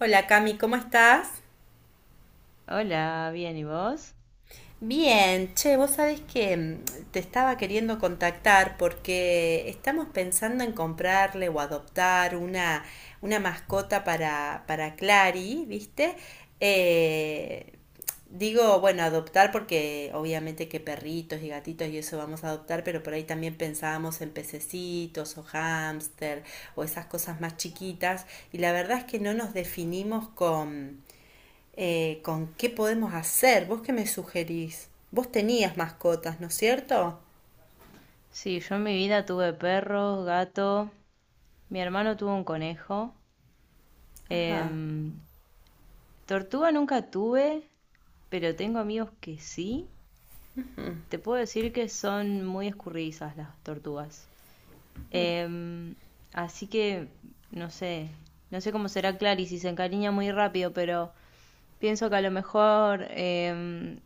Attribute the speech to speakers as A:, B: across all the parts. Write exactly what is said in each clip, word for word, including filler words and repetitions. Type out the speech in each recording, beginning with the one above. A: Hola Cami, ¿cómo estás?
B: Hola, bien, ¿y vos?
A: Bien, che, vos sabés que mm, te estaba queriendo contactar porque estamos pensando en comprarle o adoptar una, una mascota para, para Clary, ¿viste? Eh, digo, bueno, adoptar porque obviamente que perritos y gatitos y eso vamos a adoptar, pero por ahí también pensábamos en pececitos o hámster o esas cosas más chiquitas, y la verdad es que no nos definimos con eh, con qué podemos hacer. ¿Vos qué me sugerís? Vos tenías mascotas, ¿no es cierto?
B: Sí, yo en mi vida tuve perros, gato, mi hermano tuvo un conejo,
A: Ajá,
B: em, tortuga nunca tuve, pero tengo amigos que sí. Te puedo decir que son muy escurridizas las tortugas. Em, así que, no sé, no sé cómo será Clary si se encariña muy rápido, pero pienso que a lo mejor em,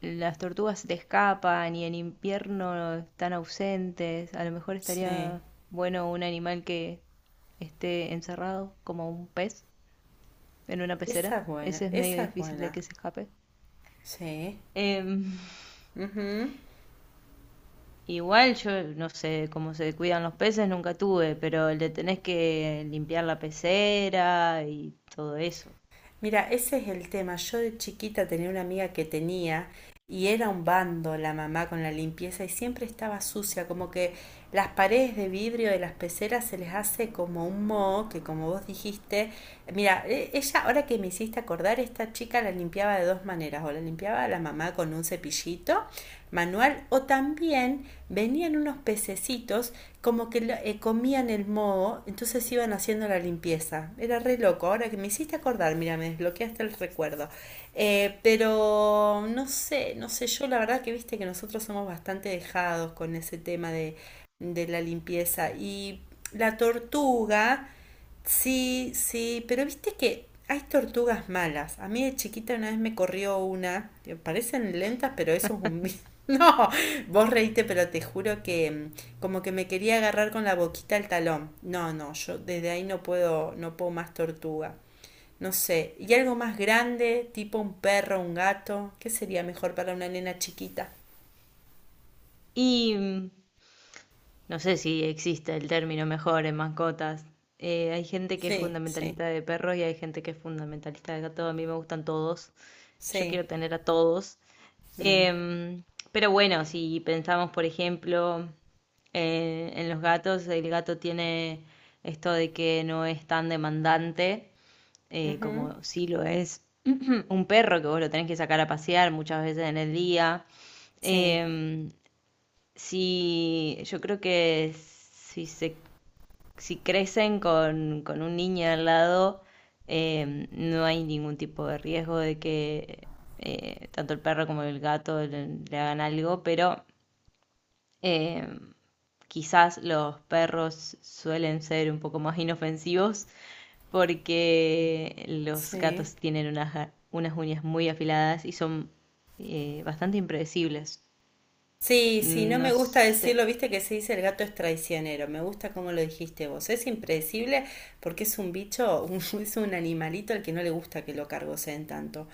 B: las tortugas se te escapan y en invierno están ausentes. A lo mejor
A: sí.
B: estaría bueno un animal que esté encerrado, como un pez, en una
A: Esa
B: pecera.
A: es buena,
B: Ese es medio
A: esa es
B: difícil de
A: buena.
B: que se escape.
A: Sí.
B: Em,
A: Ujú.
B: igual yo no sé cómo se cuidan los peces, nunca tuve, pero le tenés que limpiar la pecera y todo eso.
A: Mira, ese es el tema. Yo de chiquita tenía una amiga que tenía, y era un bando la mamá con la limpieza y siempre estaba sucia, como que las paredes de vidrio de las peceras se les hace como un moho, que, como vos dijiste, mira, e- ella, ahora que me hiciste acordar, esta chica la limpiaba de dos maneras: o la limpiaba la mamá con un cepillito manual, o también venían unos pececitos como que eh, comían el moho, entonces iban haciendo la limpieza. Era re loco, ahora que me hiciste acordar, mira, me desbloqueaste el recuerdo. Eh, pero no sé, no sé, yo la verdad que viste que nosotros somos bastante dejados con ese tema de, de la limpieza y la tortuga. Sí, sí, pero viste que hay tortugas malas. A mí de chiquita una vez me corrió una. Que Parecen lentas, pero eso es un... vi- No, vos reíste, pero te juro que mm, como que me quería agarrar con la boquita al talón. No, no, yo desde ahí no puedo, no puedo más tortuga. No sé, y algo más grande, tipo un perro, un gato, ¿qué sería mejor para una nena chiquita?
B: Y mm, No sé si existe el término mejor en mascotas. Eh, hay gente que es
A: Sí, sí,
B: fundamentalista de perros y hay gente que es fundamentalista de gatos. A mí me gustan todos. Yo
A: sí.
B: quiero tener a todos.
A: mm,
B: Em, pero bueno, si pensamos, por ejemplo, eh, en los gatos, el gato tiene esto de que no es tan demandante, eh,
A: ujú,
B: como sí lo es un perro que vos lo tenés que sacar a pasear muchas veces en el día.
A: sí,
B: Em, si yo creo que si se si crecen con, con un niño al lado, eh, no hay ningún tipo de riesgo de que eh, tanto el perro como el gato le, le hagan algo, pero eh, quizás los perros suelen ser un poco más inofensivos porque los
A: sí.
B: gatos tienen unas, unas uñas muy afiladas y son eh, bastante impredecibles.
A: Sí, sí, no
B: No
A: me gusta
B: sé.
A: decirlo, viste que se dice el gato es traicionero, me gusta cómo lo dijiste vos. Es impredecible porque es un bicho, un- es un animalito al que no le gusta que lo cargoseen tanto.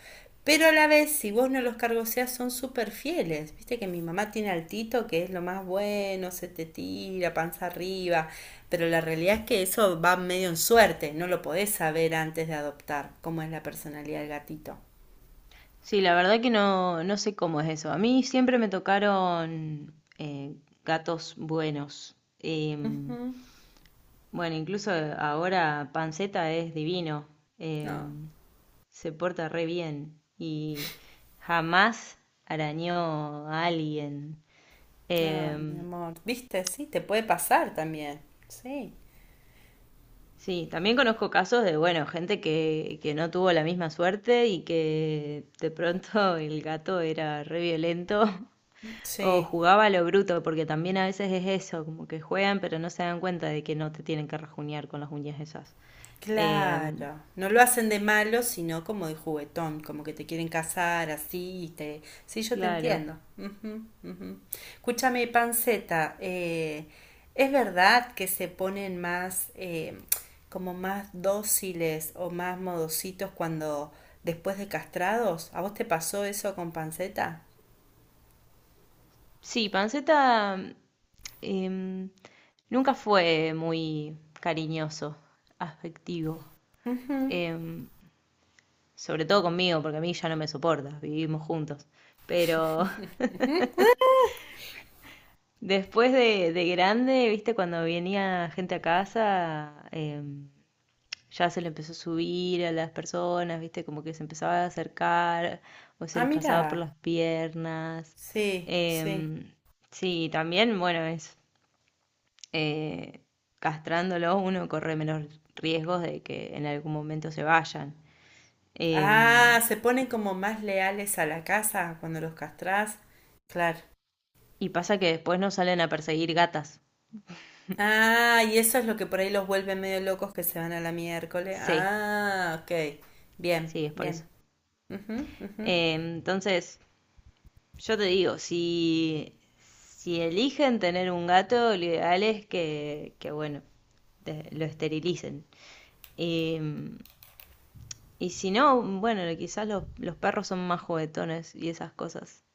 A: Pero a la vez, si vos no los cargoseás, son súper fieles. Viste que mi mamá tiene al Tito, que es lo más bueno, se te tira panza arriba. Pero la realidad es que eso va medio en suerte, no lo podés saber antes de adoptar cómo es la personalidad del gatito.
B: Sí, la verdad que no, no sé cómo es eso. A mí siempre me tocaron eh, gatos buenos.
A: Ujú.
B: Em, bueno, incluso ahora Panceta es divino.
A: No.
B: Em, Se porta re bien y jamás arañó a alguien.
A: Ay, mi
B: Em,
A: amor, viste, sí, te puede pasar también. Sí,
B: sí, también conozco casos de, bueno, gente que, que no tuvo la misma suerte y que de pronto el gato era re violento. O
A: sí,
B: jugaba a lo bruto, porque también a veces es eso, como que juegan pero no se dan cuenta de que no te tienen que rajuñar con las uñas esas. Em,
A: claro. No lo hacen de malo, sino como de juguetón, como que te quieren casar así, y te... Sí, yo te
B: claro.
A: entiendo. Ujú, ujú. Escúchame, Panceta, eh, ¿es verdad que se ponen más, eh, como más dóciles o más modositos cuando, después de castrados? ¿A vos te pasó eso con Panceta?
B: Sí, Panceta em, nunca fue muy cariñoso, afectivo.
A: Ujú.
B: Em, Sobre todo conmigo, porque a mí ya no me soporta, vivimos juntos. Pero después de, de grande, viste, cuando venía gente a casa, em, ya se le empezó a subir a las personas, ¿viste? Como que se empezaba a acercar o se
A: Ah,
B: les pasaba por
A: mira.
B: las piernas.
A: Sí, sí.
B: Em, sí, también, bueno, es eh, castrándolo uno corre menos riesgos de que en algún momento se vayan.
A: Ah,
B: Em,
A: se ponen como más leales a la casa cuando los castrás. Claro.
B: y pasa que después no salen a perseguir gatas.
A: Ah, y eso es lo que por ahí los vuelve medio locos, que se van a la miércoles.
B: Sí,
A: Ah, ok. Bien,
B: sí, es por eso.
A: bien. Ujú, ujú.
B: Em, entonces, yo te digo, si, si eligen tener un gato, lo ideal es que, que bueno, de- lo esterilicen. Y, y si no, bueno, quizás los, los perros son más juguetones y esas cosas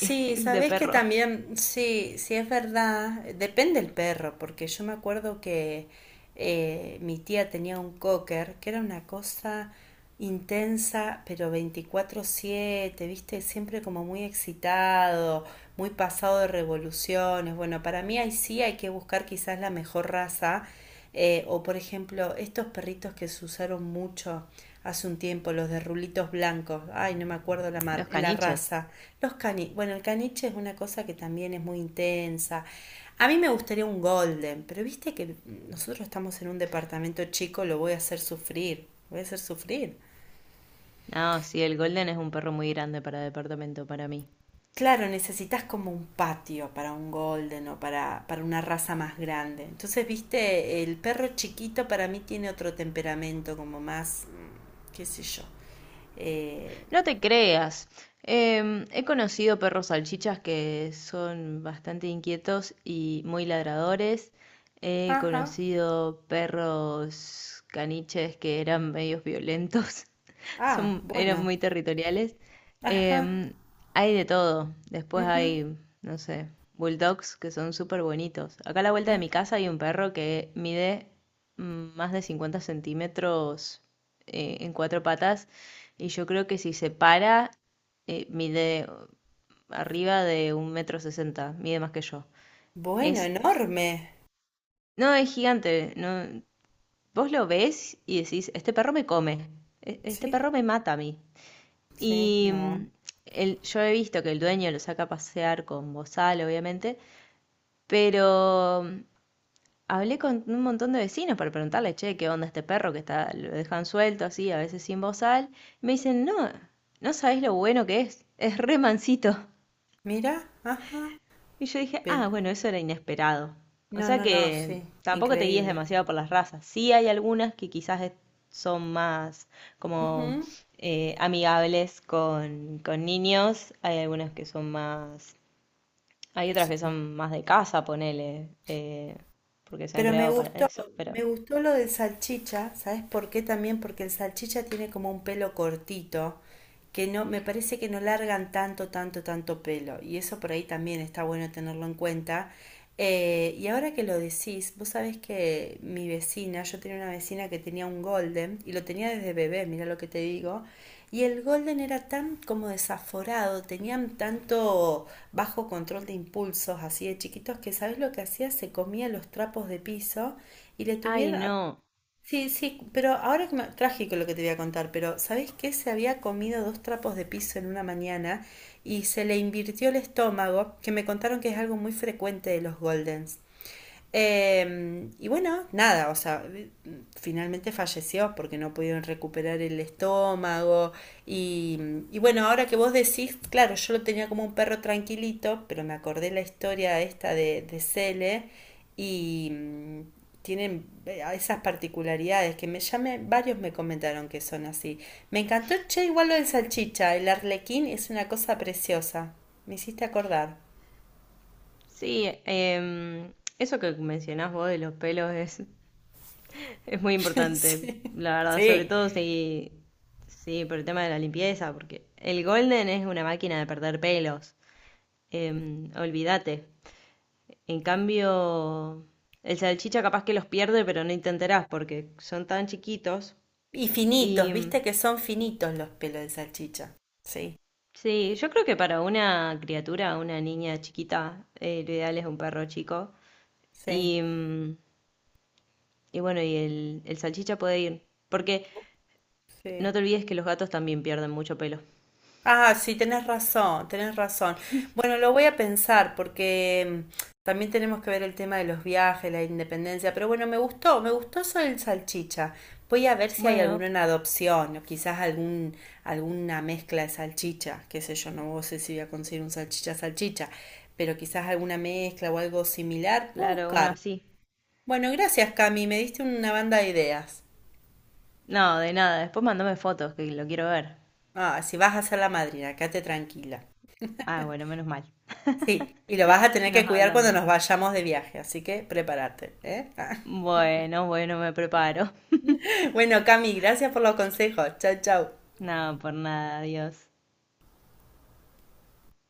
B: de
A: sabes que
B: perro.
A: también, sí, sí es verdad, depende el perro, porque yo me acuerdo que eh, mi tía tenía un cocker, que era una cosa intensa, pero veinticuatro siete, viste, siempre como muy excitado, muy pasado de revoluciones. Bueno, para mí ahí sí hay que buscar quizás la mejor raza, eh, o por ejemplo, estos perritos que se usaron mucho hace un tiempo, los de rulitos blancos, ay, no me acuerdo la mar-
B: Los
A: la
B: caniches.
A: raza. Los cani, bueno, el caniche es una cosa que también es muy intensa. A mí me gustaría un golden, pero viste que nosotros estamos en un departamento chico, lo voy a hacer sufrir, voy a hacer sufrir.
B: No, sí, el Golden es un perro muy grande para departamento, para mí.
A: Claro, necesitas como un patio para un golden o para, para una raza más grande. Entonces, viste, el perro chiquito para mí tiene otro temperamento, como más, mm, qué sé yo. Eh,
B: No te creas. Em, he conocido perros salchichas que son bastante inquietos y muy ladradores. He
A: ajá,
B: conocido perros caniches que eran medios violentos.
A: ah,
B: Son, eran
A: bueno,
B: muy territoriales.
A: ajá,
B: Em, Hay de todo. Después
A: ujú,
B: hay, no sé, bulldogs que son súper bonitos. Acá a la vuelta de mi
A: ujú.
B: casa hay un perro que mide mm, más de cincuenta centímetros eh, en cuatro patas y yo creo que si se para, eh, mide arriba de un metro sesenta, mide más que yo.
A: Bueno,
B: Es,
A: enorme.
B: no, es gigante. No, vos lo ves y decís, este perro me come, e- este
A: Sí,
B: perro me mata a mí.
A: sí,
B: Y mm,
A: no.
B: el- yo he visto que el dueño lo saca a pasear con bozal, obviamente, pero mm, hablé con un montón de vecinos para preguntarle, che, ¿qué onda este perro que está, lo dejan suelto así, a veces sin bozal? Y me dicen, no, no sabéis lo bueno que es, es re mansito.
A: Mira, ajá.
B: Y yo dije,
A: Pero
B: ah, bueno, eso era inesperado. O
A: no,
B: sea
A: no, no,
B: que
A: sí.
B: tampoco te guíes
A: Increíble.
B: demasiado por las razas. Sí hay algunas que quizás es- son más como
A: Ujú,
B: eh, amigables con, con niños. Hay algunas que son más... Hay otras que
A: sí.
B: son más de casa, ponele, eh, porque se han
A: Pero me
B: creado para
A: gustó,
B: eso,
A: me
B: pero...
A: gustó lo del salchicha, ¿sabes por qué también? Porque el salchicha tiene como un pelo cortito, que no, me parece que no largan tanto, tanto, tanto pelo. Y eso por ahí también está bueno tenerlo en cuenta. Eh, y ahora que lo decís, vos sabés que mi vecina, yo tenía una vecina que tenía un golden y lo tenía desde bebé, mira lo que te digo. Y el Golden era tan como desaforado, tenían tanto bajo control de impulsos así de chiquitos, que ¿sabes lo que hacía? Se comía los trapos de piso y le
B: Ay,
A: tuvieron...
B: no.
A: Sí, sí, pero ahora que me- trágico lo que te voy a contar, pero ¿sabes qué? Se había comido dos trapos de piso en una mañana y se le invirtió el estómago, que me contaron que es algo muy frecuente de los Goldens. Eh, y bueno, nada, o sea, finalmente falleció porque no pudieron recuperar el estómago. Y, y bueno, ahora que vos decís, claro, yo lo tenía como un perro tranquilito, pero me acordé la historia esta de, de Cele, y mm, tienen eh, esas particularidades, que me llame, varios me comentaron que son así. Me encantó, che, igual lo del salchicha, el arlequín es una cosa preciosa. Me hiciste acordar.
B: Sí, em, eso que mencionás vos de los pelos es Es muy importante,
A: Sí.
B: la verdad, sobre
A: Sí.
B: todo si, sí, por el tema de la limpieza, porque el Golden es una máquina de perder pelos, em, olvídate. En cambio, el salchicha capaz que los pierde, pero no te enterás porque son tan chiquitos.
A: Y finitos,
B: Y mm,
A: viste que son finitos los pelos de salchicha. Sí,
B: sí, yo creo que para una criatura, una niña chiquita, eh, lo ideal es un perro chico.
A: sí,
B: Y, mm, y bueno, y el, el salchicha puede ir, porque
A: sí.
B: no te olvides que los gatos también pierden mucho pelo.
A: Ah, sí, tenés razón, tenés razón. Bueno, lo voy a pensar, porque mm, también tenemos que ver el tema de los viajes, la independencia, pero bueno, me gustó, me gustó eso del salchicha. Voy a ver si hay alguno
B: Bueno,
A: en adopción, o quizás algún, alguna mezcla de salchicha, qué sé yo, no, no sé si voy a conseguir un salchicha salchicha, pero quizás alguna mezcla o algo similar, puedo
B: claro, uno
A: buscar.
B: así.
A: Bueno, gracias Cami, me diste una banda de ideas.
B: No, de nada. Después mandame fotos, que lo quiero ver.
A: Ah, si vas a ser la madrina, quédate tranquila.
B: Ah, bueno, menos mal.
A: Sí, y lo vas a tener que
B: Nos
A: cuidar cuando nos
B: hablamos.
A: vayamos de viaje, así que prepárate, ¿eh?
B: Bueno, bueno, me preparo.
A: Bueno, Cami, gracias por los consejos. Chau, chau.
B: No, por nada, adiós.